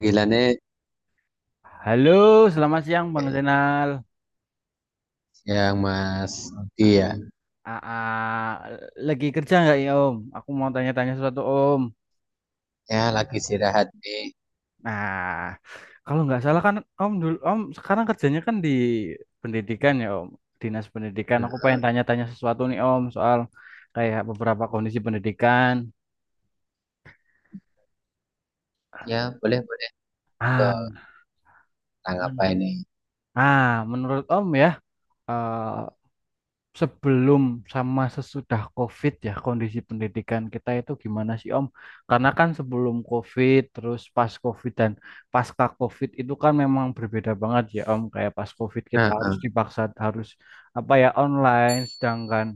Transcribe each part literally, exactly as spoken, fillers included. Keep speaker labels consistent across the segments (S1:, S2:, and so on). S1: Panggilannya yang
S2: Halo, selamat siang Bang Zainal.
S1: Mas Aldi
S2: A-
S1: ya.
S2: a- a- lagi kerja nggak ya Om? Aku mau tanya-tanya sesuatu Om.
S1: Ya lagi istirahat nih.
S2: Nah, kalau nggak salah kan Om dulu Om sekarang kerjanya kan di pendidikan ya Om, dinas pendidikan.
S1: Hmm.
S2: Aku pengen tanya-tanya sesuatu nih Om soal kayak beberapa kondisi pendidikan.
S1: Ya boleh boleh ke
S2: Ah, men-
S1: tanggapan ini.
S2: ah, menurut Om ya, eh, sebelum sama sesudah COVID ya kondisi pendidikan kita itu gimana sih Om? Karena kan sebelum COVID terus pas COVID dan pasca COVID itu kan memang berbeda banget ya Om. Kayak pas COVID kita
S1: Nah,
S2: harus
S1: ah,
S2: dipaksa harus apa ya online, sedangkan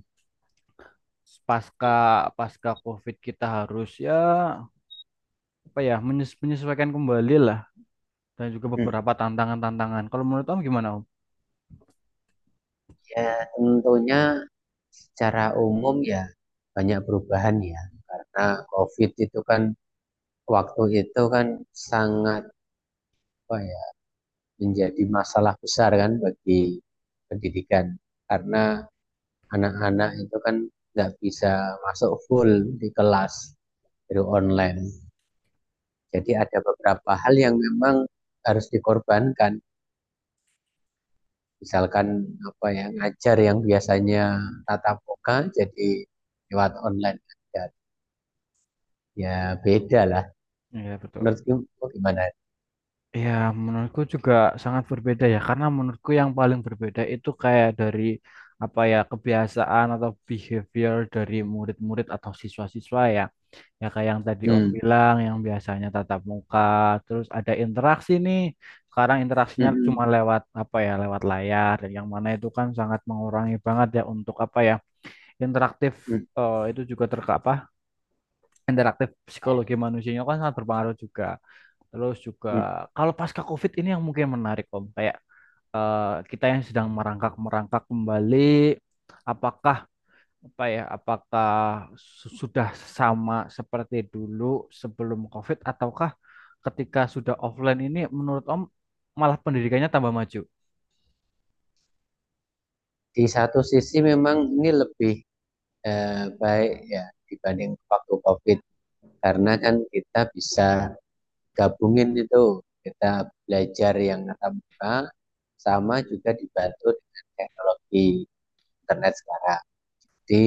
S2: pasca pasca COVID kita harus ya apa ya menyesu- menyesuaikan kembali lah dan juga
S1: hmm.
S2: beberapa tantangan-tantangan. Kalau menurut Om gimana Om?
S1: Ya tentunya secara umum ya banyak perubahan ya karena COVID itu kan waktu itu kan sangat apa ya menjadi masalah besar kan bagi pendidikan karena anak-anak itu kan nggak bisa masuk full di kelas dari online. Jadi ada beberapa hal yang memang harus dikorbankan. Misalkan apa yang ngajar yang biasanya tatap muka jadi lewat online aja. Ya beda lah.
S2: Iya betul.
S1: Menurut kamu gimana?
S2: Ya, menurutku juga sangat berbeda ya, karena menurutku yang paling berbeda itu kayak dari apa ya kebiasaan atau behavior dari murid-murid atau siswa-siswa ya. Ya kayak yang tadi Om
S1: Hmm.
S2: bilang, yang biasanya tatap muka, terus ada interaksi nih. Sekarang interaksinya
S1: Mm-mm.
S2: cuma lewat apa ya, lewat layar, dan yang mana itu kan sangat mengurangi banget ya untuk apa ya interaktif.
S1: Mm, mm.
S2: eh, itu juga terkapa interaktif psikologi manusianya kan sangat berpengaruh juga. Terus
S1: Mm.
S2: juga kalau pasca COVID ini yang mungkin menarik Om, kayak eh, kita yang sedang merangkak-merangkak kembali apakah apa ya, apakah su- sudah sama seperti dulu sebelum COVID ataukah ketika sudah offline ini menurut Om malah pendidikannya tambah maju?
S1: Di satu sisi memang ini lebih eh, baik ya dibanding waktu COVID, karena kan kita bisa gabungin itu, kita belajar yang tatap muka sama juga dibantu dengan teknologi internet sekarang. Jadi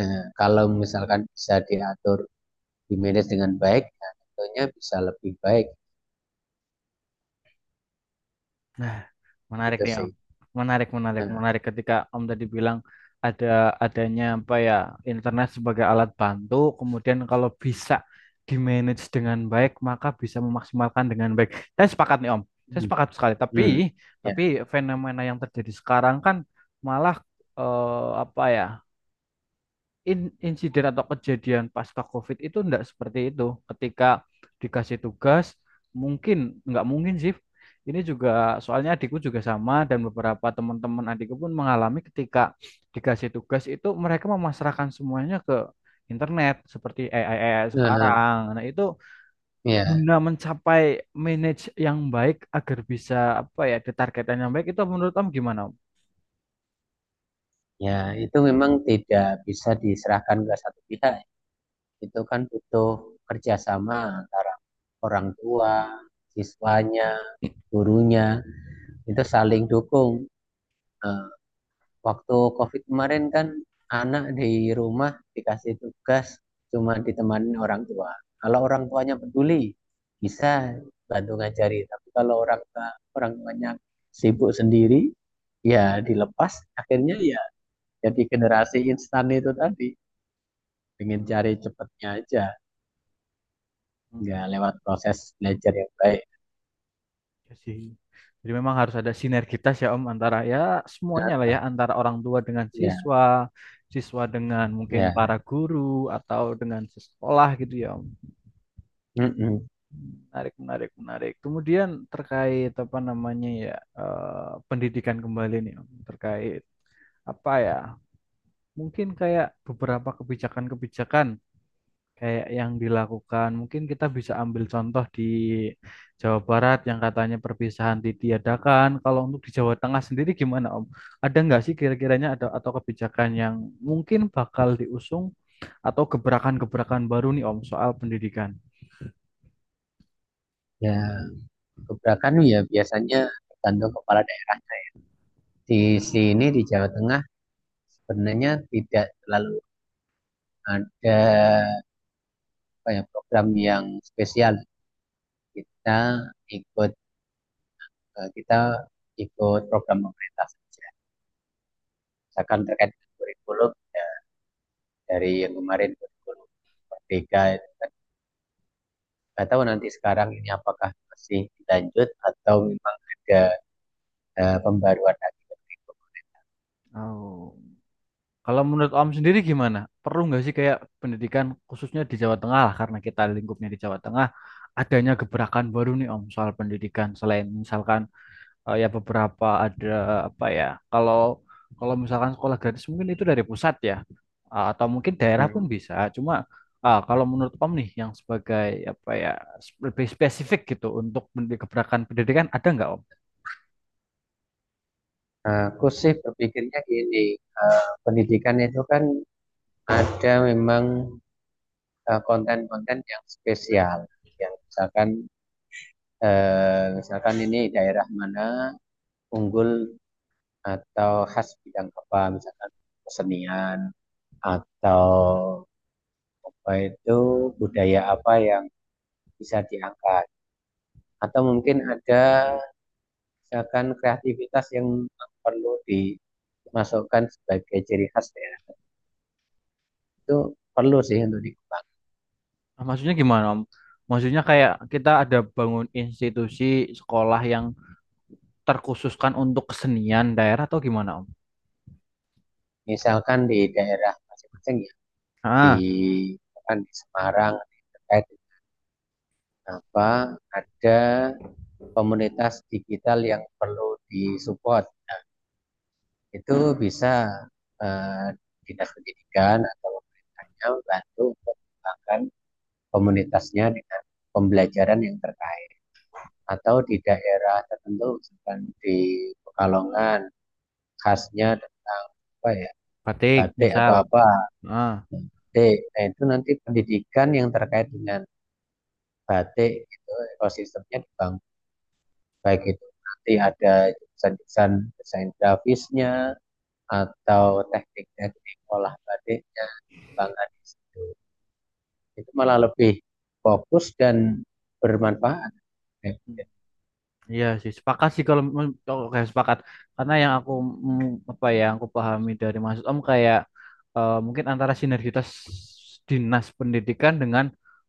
S1: eh, kalau misalkan bisa diatur, di manage dengan baik, ya tentunya bisa lebih baik
S2: Nah, menarik
S1: gitu
S2: nih
S1: sih.
S2: Om. Menarik, menarik,
S1: Nah.
S2: menarik ketika Om tadi bilang ada adanya apa ya internet sebagai alat bantu, kemudian kalau bisa di-manage dengan baik, maka bisa memaksimalkan dengan baik. Saya sepakat nih Om. Saya
S1: Hmm.
S2: sepakat sekali, tapi
S1: Hmm. Ya.
S2: tapi fenomena yang terjadi sekarang kan malah eh, apa ya? in- insiden atau kejadian pasca COVID itu enggak seperti itu. Ketika dikasih tugas, mungkin nggak mungkin sih. Ini juga soalnya adikku juga sama dan beberapa teman-teman adikku pun mengalami ketika dikasih tugas itu mereka memasrahkan semuanya ke internet seperti A I, A I
S1: Nah.
S2: sekarang. Nah, itu
S1: Ya.
S2: guna mencapai manage yang baik agar bisa apa ya, ada targetan yang baik itu menurut kamu gimana?
S1: Ya, itu memang tidak bisa diserahkan ke satu pihak. Itu kan butuh kerjasama antara orang tua, siswanya, gurunya, itu saling dukung. Nah, waktu COVID kemarin kan anak di rumah dikasih tugas cuma ditemani orang tua. Kalau orang tuanya peduli bisa bantu ngajari, tapi kalau orang tua- orang tuanya sibuk sendiri ya dilepas akhirnya, ya jadi generasi instan itu tadi, pengen cari cepetnya aja,
S2: Om?
S1: nggak lewat proses belajar yang baik.
S2: Ya sih. Jadi memang harus ada sinergitas ya Om antara ya semuanya lah
S1: Nah.
S2: ya antara orang tua dengan
S1: Ya.
S2: siswa, siswa dengan mungkin
S1: Ya.
S2: para guru atau dengan sekolah gitu ya Om.
S1: Mm-mm.
S2: Menarik, menarik, menarik. Kemudian terkait apa namanya ya eh, pendidikan kembali nih Om terkait apa ya mungkin kayak beberapa kebijakan-kebijakan kayak yang dilakukan. Mungkin kita bisa ambil contoh di Jawa Barat yang katanya perpisahan ditiadakan. Kalau untuk di Jawa Tengah sendiri gimana, Om? Ada nggak sih kira-kiranya ada atau kebijakan yang mungkin bakal diusung atau gebrakan-gebrakan baru nih, Om, soal pendidikan?
S1: Ya, gebrakan ya biasanya tergantung kepala daerah. Di sini di Jawa Tengah sebenarnya tidak terlalu ada apa ya, program yang spesial. Kita ikut eh, kita ikut program pemerintah saja. Misalkan terkait dengan kurikulum ya, dari yang kemarin kurikulum Merdeka kan. Nggak tahu nanti sekarang ini apakah masih dilanjut atau memang ada eh, pembaruan lagi ke kurikulum.
S2: Oh. Kalau menurut Om sendiri gimana? Perlu nggak sih kayak pendidikan khususnya di Jawa Tengah lah, karena kita lingkupnya di Jawa Tengah, adanya gebrakan baru nih Om soal pendidikan selain misalkan eh, ya beberapa ada apa ya kalau kalau misalkan sekolah gratis mungkin itu dari pusat ya. Eh, atau mungkin daerah pun
S1: Hmm.
S2: bisa cuma ah, kalau menurut Om nih yang sebagai apa ya sp- lebih spesifik gitu untuk men- gebrakan pendidikan ada nggak Om?
S1: Aku sih berpikirnya gini, eh, pendidikan itu kan ada memang eh, konten-konten yang spesial. Yang misalkan eh, misalkan ini daerah mana unggul atau khas bidang apa, misalkan kesenian atau apa itu, budaya apa yang bisa diangkat. Atau mungkin ada misalkan kreativitas yang perlu dimasukkan sebagai ciri khas daerah. Itu perlu sih untuk dikembangkan.
S2: Ah, Maksudnya gimana Om? Maksudnya kayak kita ada bangun institusi sekolah yang terkhususkan untuk kesenian daerah atau gimana Om?
S1: Misalkan di daerah masing-masing ya, di,
S2: Ah,
S1: misalkan di Semarang terkait apa, ada komunitas digital yang perlu disupport, itu bisa eh, dinas pendidikan atau pemerintahnya bantu untuk mengembangkan komunitasnya dengan pembelajaran yang terkait, atau di daerah tertentu misalkan di Pekalongan khasnya tentang apa ya,
S2: batik
S1: batik atau
S2: misal.
S1: apa,
S2: Ah.
S1: batik, nah, itu nanti pendidikan yang terkait dengan batik itu ekosistemnya dibangun, baik itu nanti ada desain-desain desain grafisnya atau teknik-teknik olah batiknya, bangga di situ, itu malah lebih fokus dan bermanfaat ya.
S2: Iya sih, sepakat sih, kalau mem- oke sepakat. Karena yang aku mm, apa ya, yang aku pahami dari maksud Om kayak eh, mungkin antara sinergitas dinas pendidikan dengan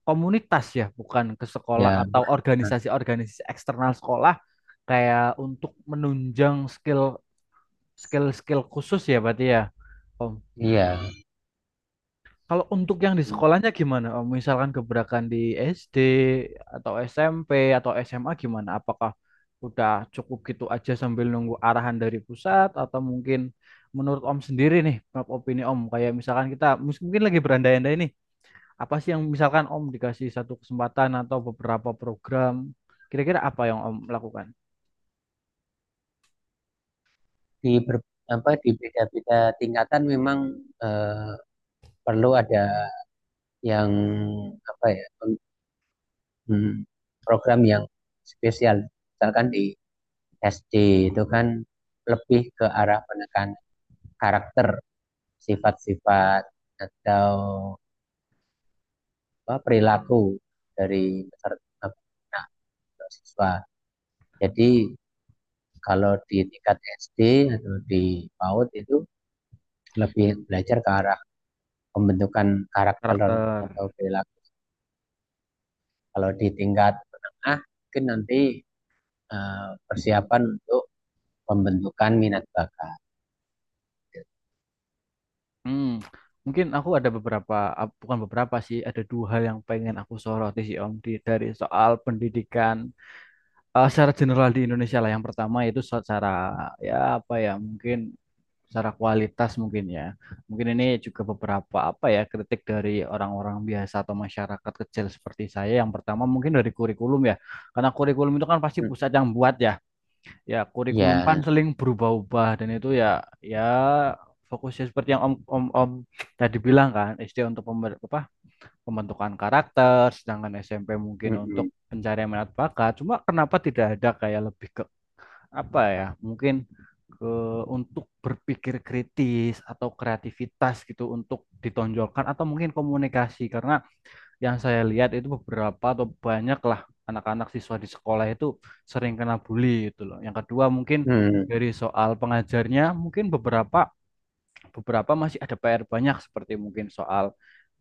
S2: komunitas ya, bukan ke sekolah
S1: Ya.
S2: atau
S1: Nah.
S2: organisasi-organisasi eksternal sekolah kayak untuk menunjang skill skill skill khusus ya berarti ya, Om.
S1: Iya,
S2: Kalau untuk yang di sekolahnya gimana? Om? Misalkan gebrakan di S D atau S M P atau S M A gimana? Apakah udah cukup gitu aja sambil nunggu arahan dari pusat atau mungkin menurut Om sendiri nih, menurut opini Om, kayak misalkan kita mus- mungkin lagi berandai-andai nih, apa sih yang misalkan Om dikasih satu kesempatan atau beberapa program, kira-kira apa yang Om lakukan?
S1: di ber, apa di beda-beda tingkatan memang eh, perlu ada yang apa ya, hmm, program yang spesial. Misalkan di es de itu kan lebih ke arah penekanan karakter, sifat-sifat atau apa, perilaku dari peserta anak atau siswa. Jadi kalau di tingkat es de atau di PAUD itu lebih belajar ke arah pembentukan karakter
S2: Karakter.
S1: atau perilaku. Kalau di tingkat menengah mungkin nanti eh, persiapan untuk pembentukan minat bakat.
S2: Hmm, mungkin aku ada beberapa, ap- bukan beberapa sih, ada dua hal yang pengen aku soroti sih Om di, dari soal pendidikan eh, secara general di Indonesia lah. Yang pertama itu secara ya apa ya mungkin secara kualitas mungkin ya. Mungkin ini juga beberapa apa ya kritik dari orang-orang biasa atau masyarakat kecil seperti saya. Yang pertama mungkin dari kurikulum ya, karena kurikulum itu kan pasti
S1: Hmm.
S2: pusat yang buat ya. Ya, kurikulum kan
S1: Ya.
S2: seling berubah-ubah dan itu ya ya fokusnya seperti yang Om Om Om tadi bilang kan, S D untuk pember- apa, pembentukan karakter, sedangkan S M P mungkin untuk
S1: Mm-mm.
S2: pencarian minat bakat. Cuma kenapa tidak ada kayak lebih ke apa ya? Mungkin ke untuk berpikir kritis atau kreativitas gitu untuk ditonjolkan atau mungkin komunikasi karena yang saya lihat itu beberapa atau banyak lah anak-anak siswa di sekolah itu sering kena bully itu loh. Yang kedua mungkin
S1: Hmm.
S2: dari soal pengajarnya mungkin beberapa beberapa masih ada P R banyak seperti mungkin soal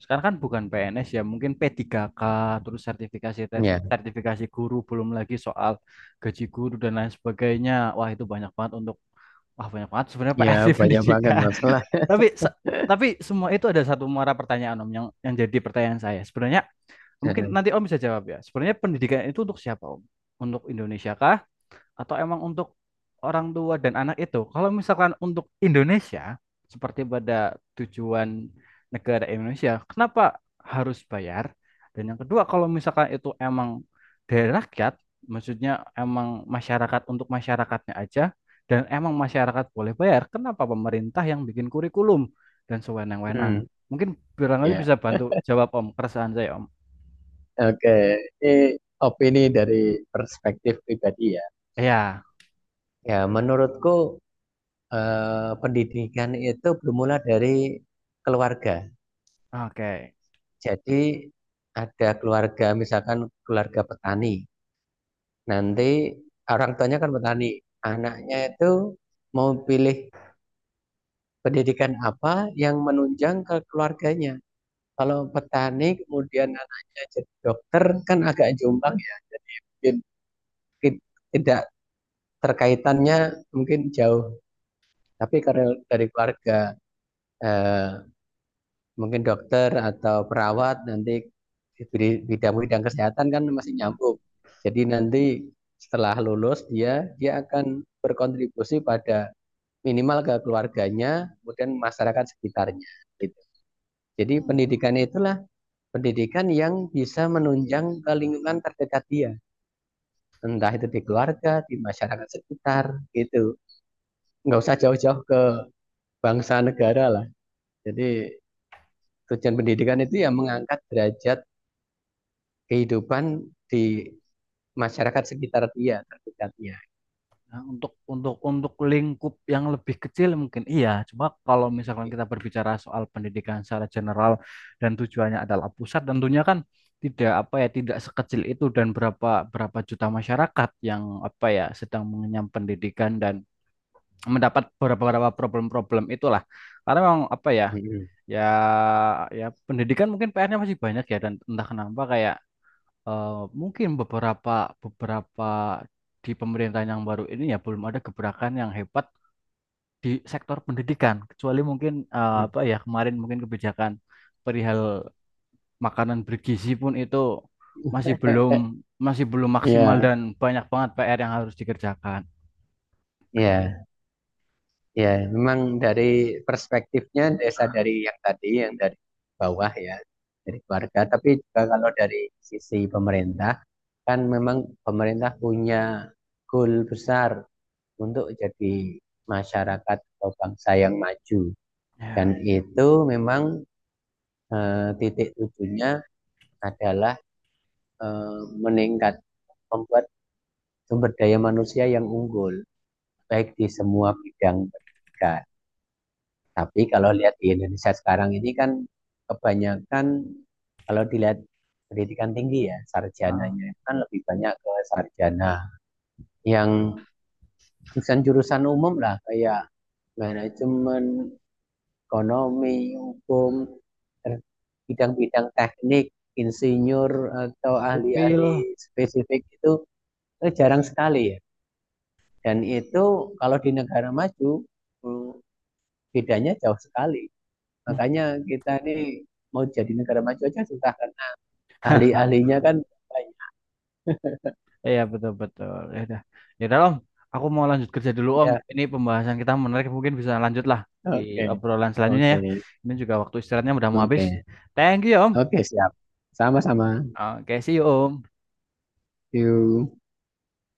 S2: sekarang kan bukan P N S ya mungkin P tiga K terus sertifikasi
S1: Hmm.
S2: tes,
S1: Ya.
S2: sertifikasi guru belum lagi soal gaji guru dan lain sebagainya. Wah itu banyak banget untuk wah banyak banget sebenarnya
S1: Ya,
S2: P R di
S1: banyak banget
S2: pendidikan.
S1: masalah.
S2: Tapi se- tapi semua itu ada satu muara pertanyaan Om yang yang jadi pertanyaan saya. Sebenarnya. Mungkin nanti Om bisa jawab ya. Sebenarnya pendidikan itu untuk siapa Om? Untuk Indonesia kah? Atau emang untuk orang tua dan anak itu? Kalau misalkan untuk Indonesia, seperti pada tujuan negara Indonesia, kenapa harus bayar? Dan yang kedua, kalau misalkan itu emang dari rakyat, maksudnya emang masyarakat untuk masyarakatnya aja, dan emang masyarakat boleh bayar, kenapa pemerintah yang bikin kurikulum dan
S1: Hmm.
S2: sewenang-wenang? Mungkin barangkali
S1: Ya.
S2: bisa bantu jawab Om, keresahan saya Om.
S1: Oke, ini opini dari perspektif pribadi ya.
S2: Iya.
S1: Ya, menurutku eh, pendidikan itu bermula dari keluarga.
S2: Oke.
S1: Jadi ada keluarga, misalkan keluarga petani. Nanti orang tuanya kan petani, anaknya itu mau pilih pendidikan apa yang menunjang ke keluarganya. Kalau petani kemudian anaknya jadi dokter kan agak jombang ya. Jadi mungkin tid- tidak, terkaitannya mungkin jauh, tapi karena dari keluarga eh, mungkin dokter atau perawat nanti di bidang-bidang kesehatan kan masih nyambung, jadi nanti setelah lulus dia dia akan berkontribusi pada minimal ke keluarganya kemudian masyarakat sekitarnya gitu. Jadi
S2: Hmm.
S1: pendidikan itulah pendidikan yang bisa menunjang ke lingkungan terdekat dia, entah itu di keluarga di masyarakat sekitar gitu, nggak usah jauh-jauh ke bangsa negara lah. Jadi tujuan pendidikan itu ya mengangkat derajat kehidupan di masyarakat sekitar dia terdekatnya.
S2: Nah, untuk untuk untuk lingkup yang lebih kecil mungkin iya. Cuma kalau misalkan kita berbicara soal pendidikan secara general dan tujuannya adalah pusat, tentunya kan tidak apa ya tidak sekecil itu dan berapa berapa juta masyarakat yang apa ya sedang mengenyam pendidikan dan mendapat beberapa problem-problem itulah. Karena memang apa ya
S1: Ya.
S2: ya ya pendidikan mungkin P R-nya masih banyak ya dan entah kenapa kayak eh, mungkin beberapa beberapa di pemerintahan yang baru ini ya belum ada gebrakan yang hebat di sektor pendidikan kecuali mungkin eh, apa ya kemarin mungkin kebijakan perihal makanan bergizi pun itu masih belum
S1: Ya.
S2: masih belum maksimal
S1: Ya.
S2: dan banyak banget P R yang harus dikerjakan
S1: Memang dari perspektifnya desa dari yang tadi, yang dari bawah ya, dari keluarga. Tapi juga kalau dari sisi pemerintah, kan memang pemerintah punya goal besar untuk jadi masyarakat atau bangsa yang maju.
S2: ya.
S1: Dan itu memang eh, titik tujuannya adalah eh, meningkat membuat sumber daya manusia yang unggul baik di semua bidang pendidikan. Tapi kalau lihat di Indonesia sekarang ini kan kebanyakan kalau dilihat pendidikan tinggi ya,
S2: Nah,
S1: sarjananya kan lebih banyak ke sarjana yang jurusan-jurusan umum lah kayak manajemen, ekonomi, hukum, bidang-bidang teknik, insinyur, atau
S2: sipil.
S1: ahli-ahli spesifik itu eh, jarang sekali ya. Dan itu kalau di negara maju eh, bedanya jauh sekali. Makanya kita ini mau jadi negara maju aja susah kan. Ahli-ahlinya kan banyak.
S2: Iya, betul betul. Ya udah. Ya udah Om, aku mau lanjut kerja dulu Om.
S1: Ya,
S2: Ini pembahasan kita menarik, mungkin bisa lanjut lah di
S1: oke.
S2: obrolan selanjutnya
S1: Oke.
S2: ya. Ini juga waktu istirahatnya udah mau habis.
S1: Oke.
S2: Thank you ya Om.
S1: Oke, siap. Sama-sama.
S2: Oke, see you Om.
S1: See you.